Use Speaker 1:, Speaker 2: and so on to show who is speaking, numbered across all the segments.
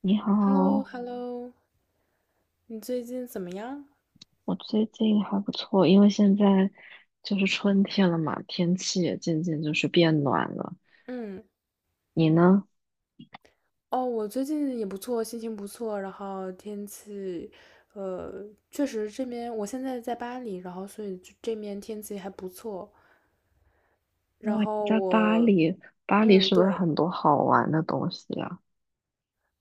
Speaker 1: 你
Speaker 2: h e l l o
Speaker 1: 好，
Speaker 2: h e l l o 你最近怎么样？
Speaker 1: 我最近还不错，因为现在就是春天了嘛，天气也渐渐就是变暖了。
Speaker 2: 嗯，
Speaker 1: 你呢？
Speaker 2: 哦，我最近也不错，心情不错，然后天气，呃，确实这边我现在在巴黎，然后所以这面天气还不错。然
Speaker 1: 哇，你
Speaker 2: 后
Speaker 1: 在巴
Speaker 2: 我，
Speaker 1: 黎，巴黎
Speaker 2: 嗯，
Speaker 1: 是不是
Speaker 2: 对，
Speaker 1: 很多好玩的东西啊？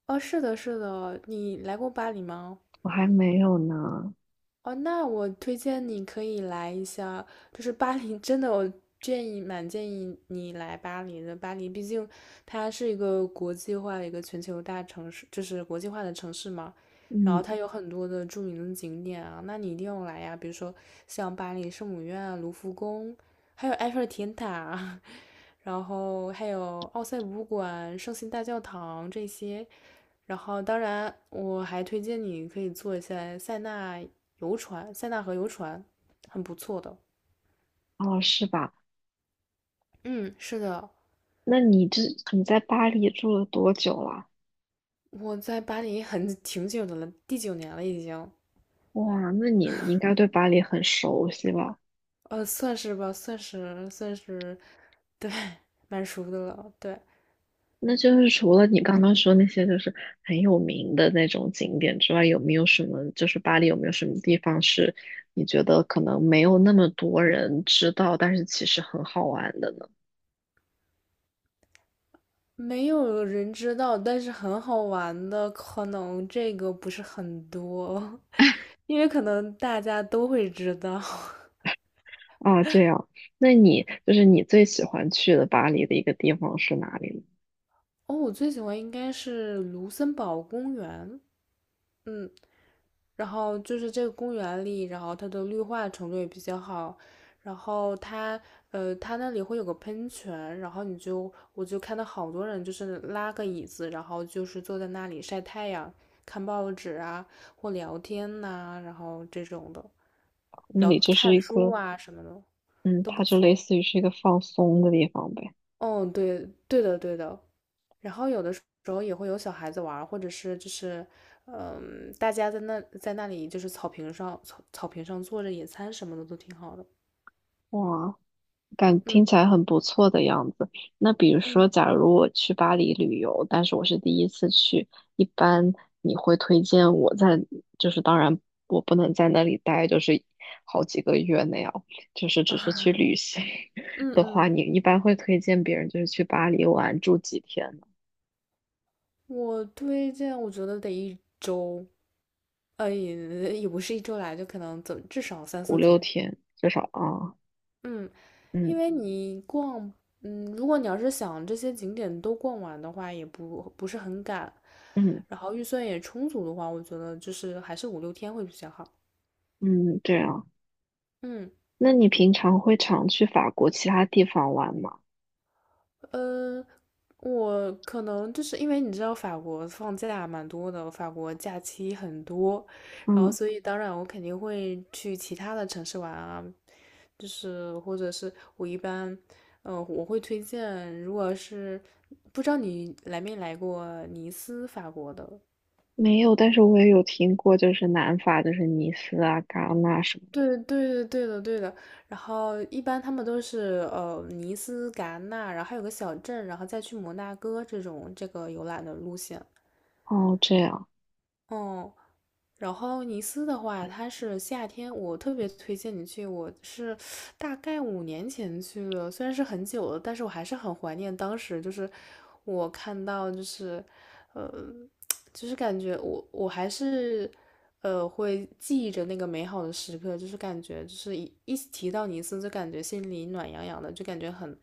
Speaker 2: 哦，是的，是的，你来过巴黎吗？
Speaker 1: 我还没有呢。
Speaker 2: 哦，那我推荐你可以来一下，就是巴黎，真的我蛮建议你来巴黎的。巴黎毕竟它是一个国际化的一个全球大城市，就是国际化的城市嘛。然后
Speaker 1: 嗯，
Speaker 2: 它有很多的著名的景点啊，那你一定要来呀。比如说像巴黎圣母院啊卢浮宫，还有埃菲尔铁塔啊，然后还有奥赛博物馆、圣心大教堂这些。然后，当然我还推荐你可以坐一下塞纳游船，塞纳河游船很不错的。
Speaker 1: 哦，是吧？
Speaker 2: 嗯，是的，
Speaker 1: 那你在巴黎住了多久了？
Speaker 2: 我在巴黎很挺久的了，第9年了已经，
Speaker 1: 哇，那你应该对巴黎很熟悉吧？
Speaker 2: 算是吧，算是，对，蛮熟的了，对。
Speaker 1: 那就是除了你刚刚说那些就是很有名的那种景点之外，有没有什么就是巴黎有没有什么地方是你觉得可能没有那么多人知道，但是其实很好玩的呢？
Speaker 2: 没有人知道，但是很好玩的，可能这个不是很多，因为可能大家都会知道。
Speaker 1: 啊，这样，那你就是你最喜欢去的巴黎的一个地方是哪里呢？
Speaker 2: 哦，我最喜欢应该是卢森堡公园，嗯，然后就是这个公园里，然后它的绿化程度也比较好，然后它那里会有个喷泉，然后我就看到好多人就是拉个椅子，然后就是坐在那里晒太阳、看报纸啊或聊天呐、然后这种的，
Speaker 1: 那
Speaker 2: 然
Speaker 1: 里
Speaker 2: 后
Speaker 1: 就是
Speaker 2: 看
Speaker 1: 一
Speaker 2: 书
Speaker 1: 个，
Speaker 2: 啊什么的
Speaker 1: 嗯，
Speaker 2: 都不
Speaker 1: 它就类
Speaker 2: 错。
Speaker 1: 似于是一个放松的地方呗。
Speaker 2: 哦，对对的对的，然后有的时候也会有小孩子玩或者是就是嗯，大家在那里就是草坪上坐着野餐什么的都挺好的。
Speaker 1: 哇，听起
Speaker 2: 嗯
Speaker 1: 来很不错的样子。那比如说，
Speaker 2: 嗯
Speaker 1: 假如我去巴黎旅游，但是我是第一次去，一般你会推荐我在，就是当然我不能在那里待，就是好几个月那样，就是只是
Speaker 2: 啊
Speaker 1: 去旅行
Speaker 2: 嗯
Speaker 1: 的话，
Speaker 2: 嗯，
Speaker 1: 你一般会推荐别人就是去巴黎玩住几天呢？
Speaker 2: 我推荐，我觉得得一周，也不是一周来，就可能至少三
Speaker 1: 五
Speaker 2: 四
Speaker 1: 六
Speaker 2: 天。
Speaker 1: 天至少啊，
Speaker 2: 嗯，
Speaker 1: 嗯
Speaker 2: 因为你逛，如果你要是想这些景点都逛完的话，也不是很赶，
Speaker 1: 嗯
Speaker 2: 然后预算也充足的话，我觉得就是还是5、6天会比较好。
Speaker 1: 嗯，对啊。
Speaker 2: 嗯。
Speaker 1: 那你平常会常去法国其他地方玩吗？
Speaker 2: 呃，我可能就是因为你知道法国放假蛮多的，法国假期很多，然后
Speaker 1: 嗯。
Speaker 2: 所以当然我肯定会去其他的城市玩啊，就是或者是我一般，我会推荐，如果是不知道你来没来过尼斯，法国的。
Speaker 1: 没有，但是我也有听过，就是南法，就是尼斯啊、戛纳什么。
Speaker 2: 对对的对的对的，然后一般他们都是尼斯、戛纳，然后还有个小镇，然后再去摩纳哥这种这个游览的路线。
Speaker 1: 哦，这样，
Speaker 2: 哦，然后尼斯的话，它是夏天，我特别推荐你去。我是大概5年前去的，虽然是很久了，但是我还是很怀念当时。就是我看到，就是，呃，就是感觉我还是，会记忆着那个美好的时刻。就是感觉，就是一提到尼斯，就感觉心里暖洋洋的，就感觉很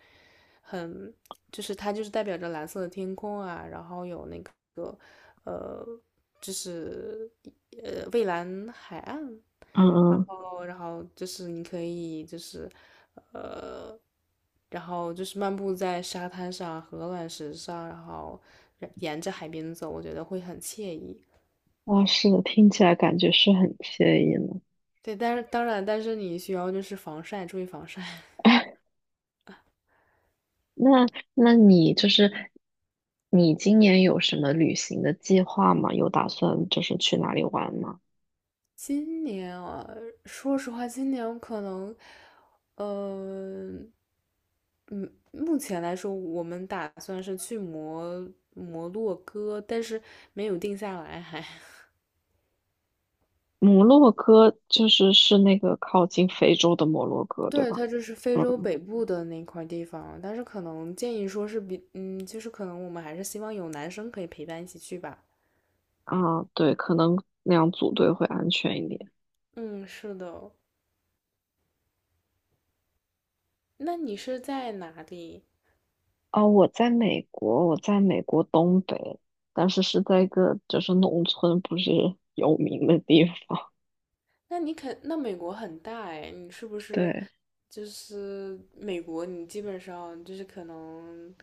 Speaker 2: 很就是它就是代表着蓝色的天空啊，然后有那个呃，就是蔚蓝海岸，
Speaker 1: 嗯
Speaker 2: 然
Speaker 1: 嗯，
Speaker 2: 后然后就是你可以就是呃，然后就是漫步在沙滩上和卵石上，然后沿着海边走，我觉得会很惬意。
Speaker 1: 哇，是的，听起来感觉是很惬意呢。
Speaker 2: 对，但是当然，但是你需要就是防晒，注意防晒。
Speaker 1: 那，那你就是你今年有什么旅行的计划吗？有打算就是去哪里玩吗？
Speaker 2: 今年啊，说实话，今年可能，呃，嗯，目前来说，我们打算是去摩洛哥，但是没有定下来还。
Speaker 1: 摩洛哥就是是那个靠近非洲的摩洛哥，对
Speaker 2: 对，
Speaker 1: 吧？
Speaker 2: 它就是非洲
Speaker 1: 嗯，
Speaker 2: 北部的那块地方，但是可能建议说是比，就是可能我们还是希望有男生可以陪伴一起去吧。
Speaker 1: 啊，对，可能那样组队会安全一点。
Speaker 2: 嗯，是的。那你是在哪里？
Speaker 1: 哦，我在美国，我在美国东北，但是是在一个就是农村，不是有名的地方。
Speaker 2: 那你肯，那美国很大哎，你是不是
Speaker 1: 对，
Speaker 2: 就是美国？你基本上就是可能，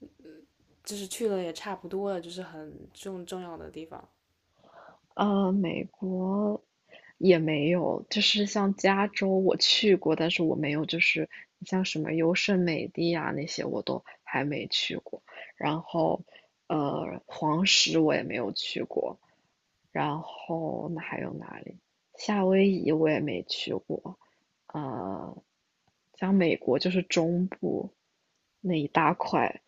Speaker 2: 嗯，就是去了也差不多了，就是很重要的地方。
Speaker 1: 美国也没有，就是像加州我去过，但是我没有，就是像什么优胜美地啊那些我都还没去过。然后，黄石我也没有去过，然后那还有哪里？夏威夷我也没去过，呃，像美国就是中部那一大块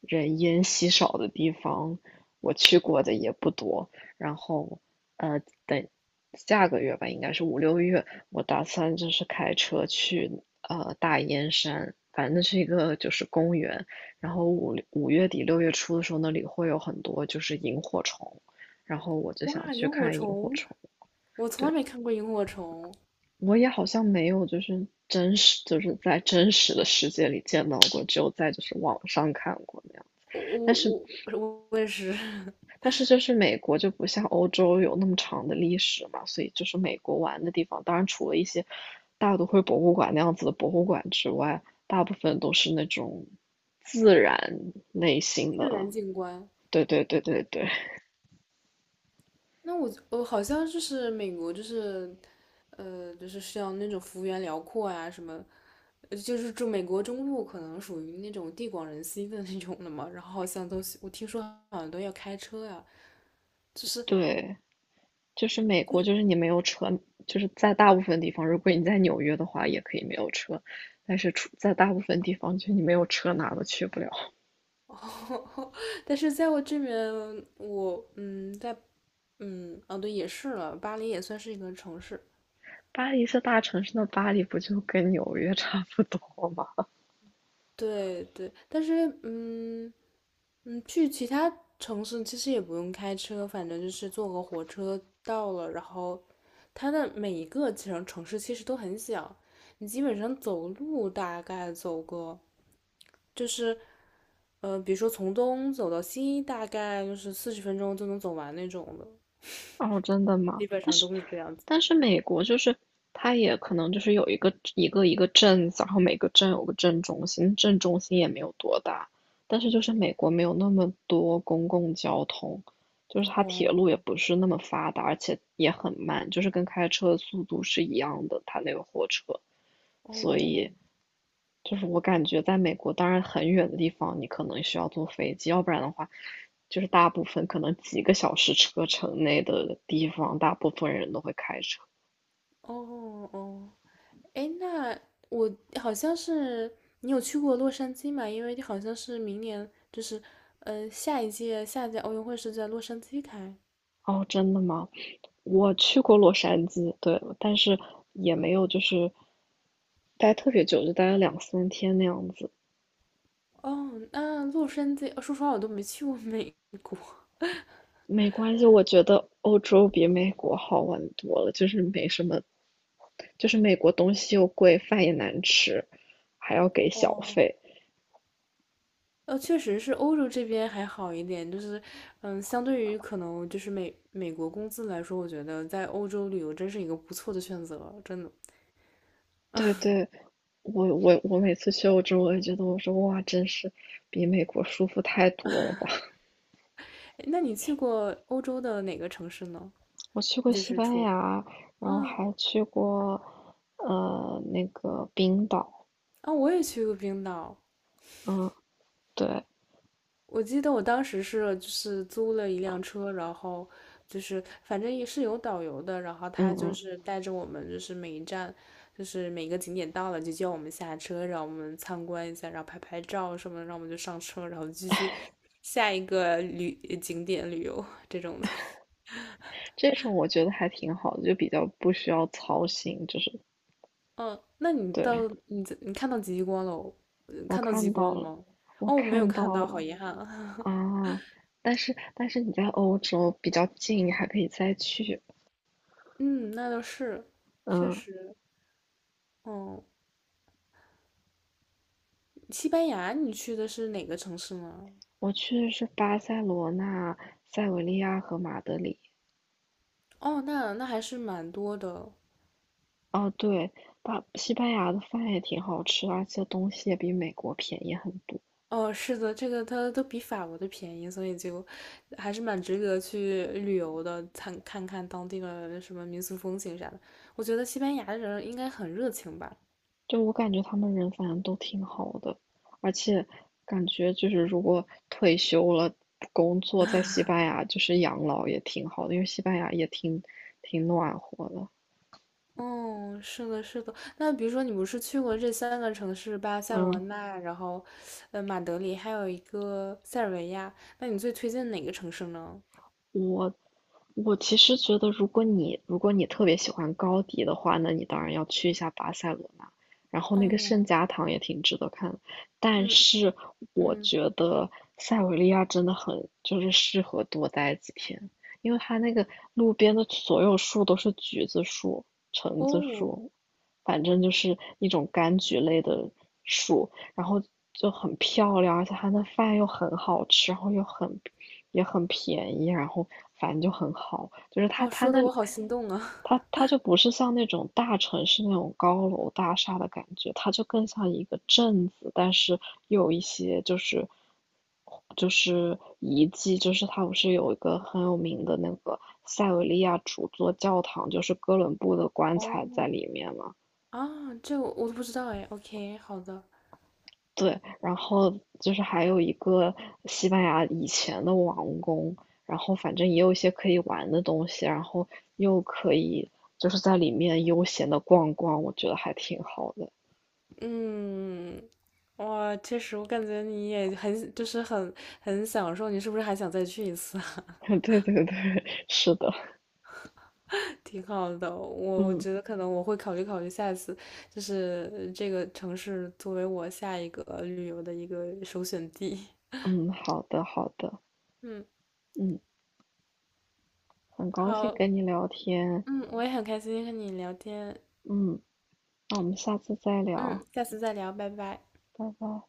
Speaker 1: 人烟稀少的地方，我去过的也不多。然后，呃，等下个月吧，应该是5、6月，我打算就是开车去大烟山，反正那是一个就是公园。然后五月底六月初的时候，那里会有很多就是萤火虫。然后我就想
Speaker 2: 哇，
Speaker 1: 去
Speaker 2: 萤火
Speaker 1: 看萤火
Speaker 2: 虫，
Speaker 1: 虫。
Speaker 2: 我从来
Speaker 1: 对，
Speaker 2: 没看过萤火虫，
Speaker 1: 我也好像没有就是真实就是在真实的世界里见到过，只有在就是网上看过那样。
Speaker 2: 我
Speaker 1: 但
Speaker 2: 我
Speaker 1: 是
Speaker 2: 我我 我也是
Speaker 1: 但是就是美国就不像欧洲有那么长的历史嘛，所以就是美国玩的地方，当然除了一些大都会博物馆那样子的博物馆之外，大部分都是那种自然类型
Speaker 2: 自
Speaker 1: 的。
Speaker 2: 然景观。
Speaker 1: 对对对对对
Speaker 2: 那我好像就是美国，就是就是像那种幅员辽阔啊，什么，就是住美国中部可能属于那种地广人稀的那种的嘛。然后好像都我听说好像都要开车呀、就是
Speaker 1: 对。就是美国，就是你没有车，就是在大部分地方，如果你在纽约的话，也可以没有车，但是出在大部分地方，就你没有车哪都去不了。
Speaker 2: 哦，但是在我这边，我嗯，在嗯，哦对，也是了，巴黎也算是一个城市。
Speaker 1: 巴黎是大城市，那巴黎不就跟纽约差不多吗？
Speaker 2: 对对，但是去其他城市其实也不用开车，反正就是坐个火车到了。然后它的每一个城市其实都很小，你基本上走路大概走个就是比如说从东走到西，大概就是40分钟就能走完那种的，
Speaker 1: 哦，真的吗？
Speaker 2: 基本
Speaker 1: 但
Speaker 2: 上
Speaker 1: 是，
Speaker 2: 都是这样子。
Speaker 1: 但是美国就是它也可能就是有一个镇子，然后每个镇有个镇中心，镇中心也没有多大，但是就是美国没有那么多公共交通，就是它铁路也
Speaker 2: 哦
Speaker 1: 不是那么发达，而且也很慢，就是跟开车的速度是一样的，它那个火车，
Speaker 2: 哦
Speaker 1: 就是我感觉在美国，当然很远的地方，你可能需要坐飞机，要不然的话，就是大部分可能几个小时车程内的地方，大部分人都会开车。
Speaker 2: 哦哦哦。哎，那我好像是你有去过洛杉矶嘛？因为你好像是明年就是，下一届奥运会是在洛杉矶开。
Speaker 1: 哦，真的吗？我去过洛杉矶，对，但是也没有就是待特别久，就待了2、3天那样子。
Speaker 2: 哦，那洛杉矶，说实话我都没去过美国。
Speaker 1: 没关系，我觉得欧洲比美国好玩多了，就是没什么，就是美国东西又贵，饭也难吃，还要给小
Speaker 2: 哦，
Speaker 1: 费。
Speaker 2: 确实是欧洲这边还好一点，就是，相对于可能就是美国工资来说，我觉得在欧洲旅游真是一个不错的选择，真的。
Speaker 1: 对对，我每次去欧洲，我也觉得我说哇，真是比美国舒服太多了吧！
Speaker 2: 诶那你去过欧洲的哪个城市呢？
Speaker 1: 我去过
Speaker 2: 就
Speaker 1: 西
Speaker 2: 是
Speaker 1: 班
Speaker 2: 除
Speaker 1: 牙，
Speaker 2: 啊，
Speaker 1: 然后
Speaker 2: 哦
Speaker 1: 还去过那个冰岛，
Speaker 2: 啊，我也去过冰岛。
Speaker 1: 嗯，对，
Speaker 2: 我记得我当时是就是租了一辆车，然后就是反正也是有导游的，然后他
Speaker 1: 嗯
Speaker 2: 就
Speaker 1: 嗯，
Speaker 2: 是带着我们，就是每一站，就是每个景点到了就叫我们下车，让我们参观一下，然后拍拍照什么的，让我们就上车，然后继续下一个景点旅游这种的。
Speaker 1: 这种我觉得还挺好的，就比较不需要操心，就是
Speaker 2: 嗯，那你
Speaker 1: 对
Speaker 2: 到你在你看到极光了哦呃
Speaker 1: 我
Speaker 2: 看到极
Speaker 1: 看到
Speaker 2: 光了
Speaker 1: 了，
Speaker 2: 吗？
Speaker 1: 我
Speaker 2: 哦，我没有
Speaker 1: 看
Speaker 2: 看
Speaker 1: 到
Speaker 2: 到，好
Speaker 1: 了
Speaker 2: 遗憾啊。
Speaker 1: 啊，但是你在欧洲比较近，你还可以再去，
Speaker 2: 嗯，那倒是，确
Speaker 1: 嗯，
Speaker 2: 实。哦，西班牙，你去的是哪个城市呢？
Speaker 1: 我去的是巴塞罗那、塞维利亚和马德里。
Speaker 2: 哦，那还是蛮多的。
Speaker 1: 哦，对，把西班牙的饭也挺好吃，而且东西也比美国便宜很多。
Speaker 2: 哦，是的，这个它都比法国的便宜，所以就还是蛮值得去旅游的，看看当地的什么民俗风情啥的。我觉得西班牙人应该很热情吧。
Speaker 1: 就我感觉他们人反正都挺好的，而且感觉就是如果退休了不工作，在西班牙就是养老也挺好的，因为西班牙也挺挺暖和的。
Speaker 2: 哦，是的，是的。那比如说，你不是去过这3个城市——巴塞罗
Speaker 1: 嗯。
Speaker 2: 那，然后，马德里，还有一个塞尔维亚。那你最推荐哪个城市呢？
Speaker 1: 我我其实觉得，如果你特别喜欢高迪的话，那你当然要去一下巴塞罗那，然后那个
Speaker 2: 哦，
Speaker 1: 圣家堂也挺值得看的。但
Speaker 2: 嗯
Speaker 1: 是我
Speaker 2: 嗯，
Speaker 1: 觉得塞维利亚真的很就是适合多待几天，因为它那个路边的所有树都是橘子树、橙子
Speaker 2: 哦。
Speaker 1: 树，反正就是一种柑橘类的树，然后就很漂亮，而且它的饭又很好吃，然后又很也很便宜，然后反正就很好，就是它
Speaker 2: 哦，
Speaker 1: 它
Speaker 2: 说的
Speaker 1: 那
Speaker 2: 我好心动啊！
Speaker 1: 它它就不是像那种大城市那种高楼大厦的感觉，它就更像一个镇子，但是又有一些就是就是遗迹，就是它不是有一个很有名的那个塞维利亚主座教堂，就是哥伦布的 棺材在
Speaker 2: 哦，
Speaker 1: 里面嘛。
Speaker 2: 啊，这我都不知道哎。OK，好的，
Speaker 1: 对，然后就是还有一个西班牙以前的王宫，然后反正也有一些可以玩的东西，然后又可以就是在里面悠闲的逛逛，我觉得还挺好的。
Speaker 2: 嗯，哇，确实，我感觉你也很，就是很享受，你是不是还想再去一次啊？
Speaker 1: 对对对，是的，
Speaker 2: 挺好的，我
Speaker 1: 嗯
Speaker 2: 觉得可能我会考虑考虑下一次，就是这个城市作为我下一个旅游的一个首选地。
Speaker 1: 嗯，好的好的，
Speaker 2: 嗯，
Speaker 1: 嗯，很高兴
Speaker 2: 好，
Speaker 1: 跟你聊天，
Speaker 2: 嗯，我也很开心和你聊天，
Speaker 1: 嗯，那我们下次再聊，
Speaker 2: 嗯，下次再聊，拜拜。
Speaker 1: 拜拜。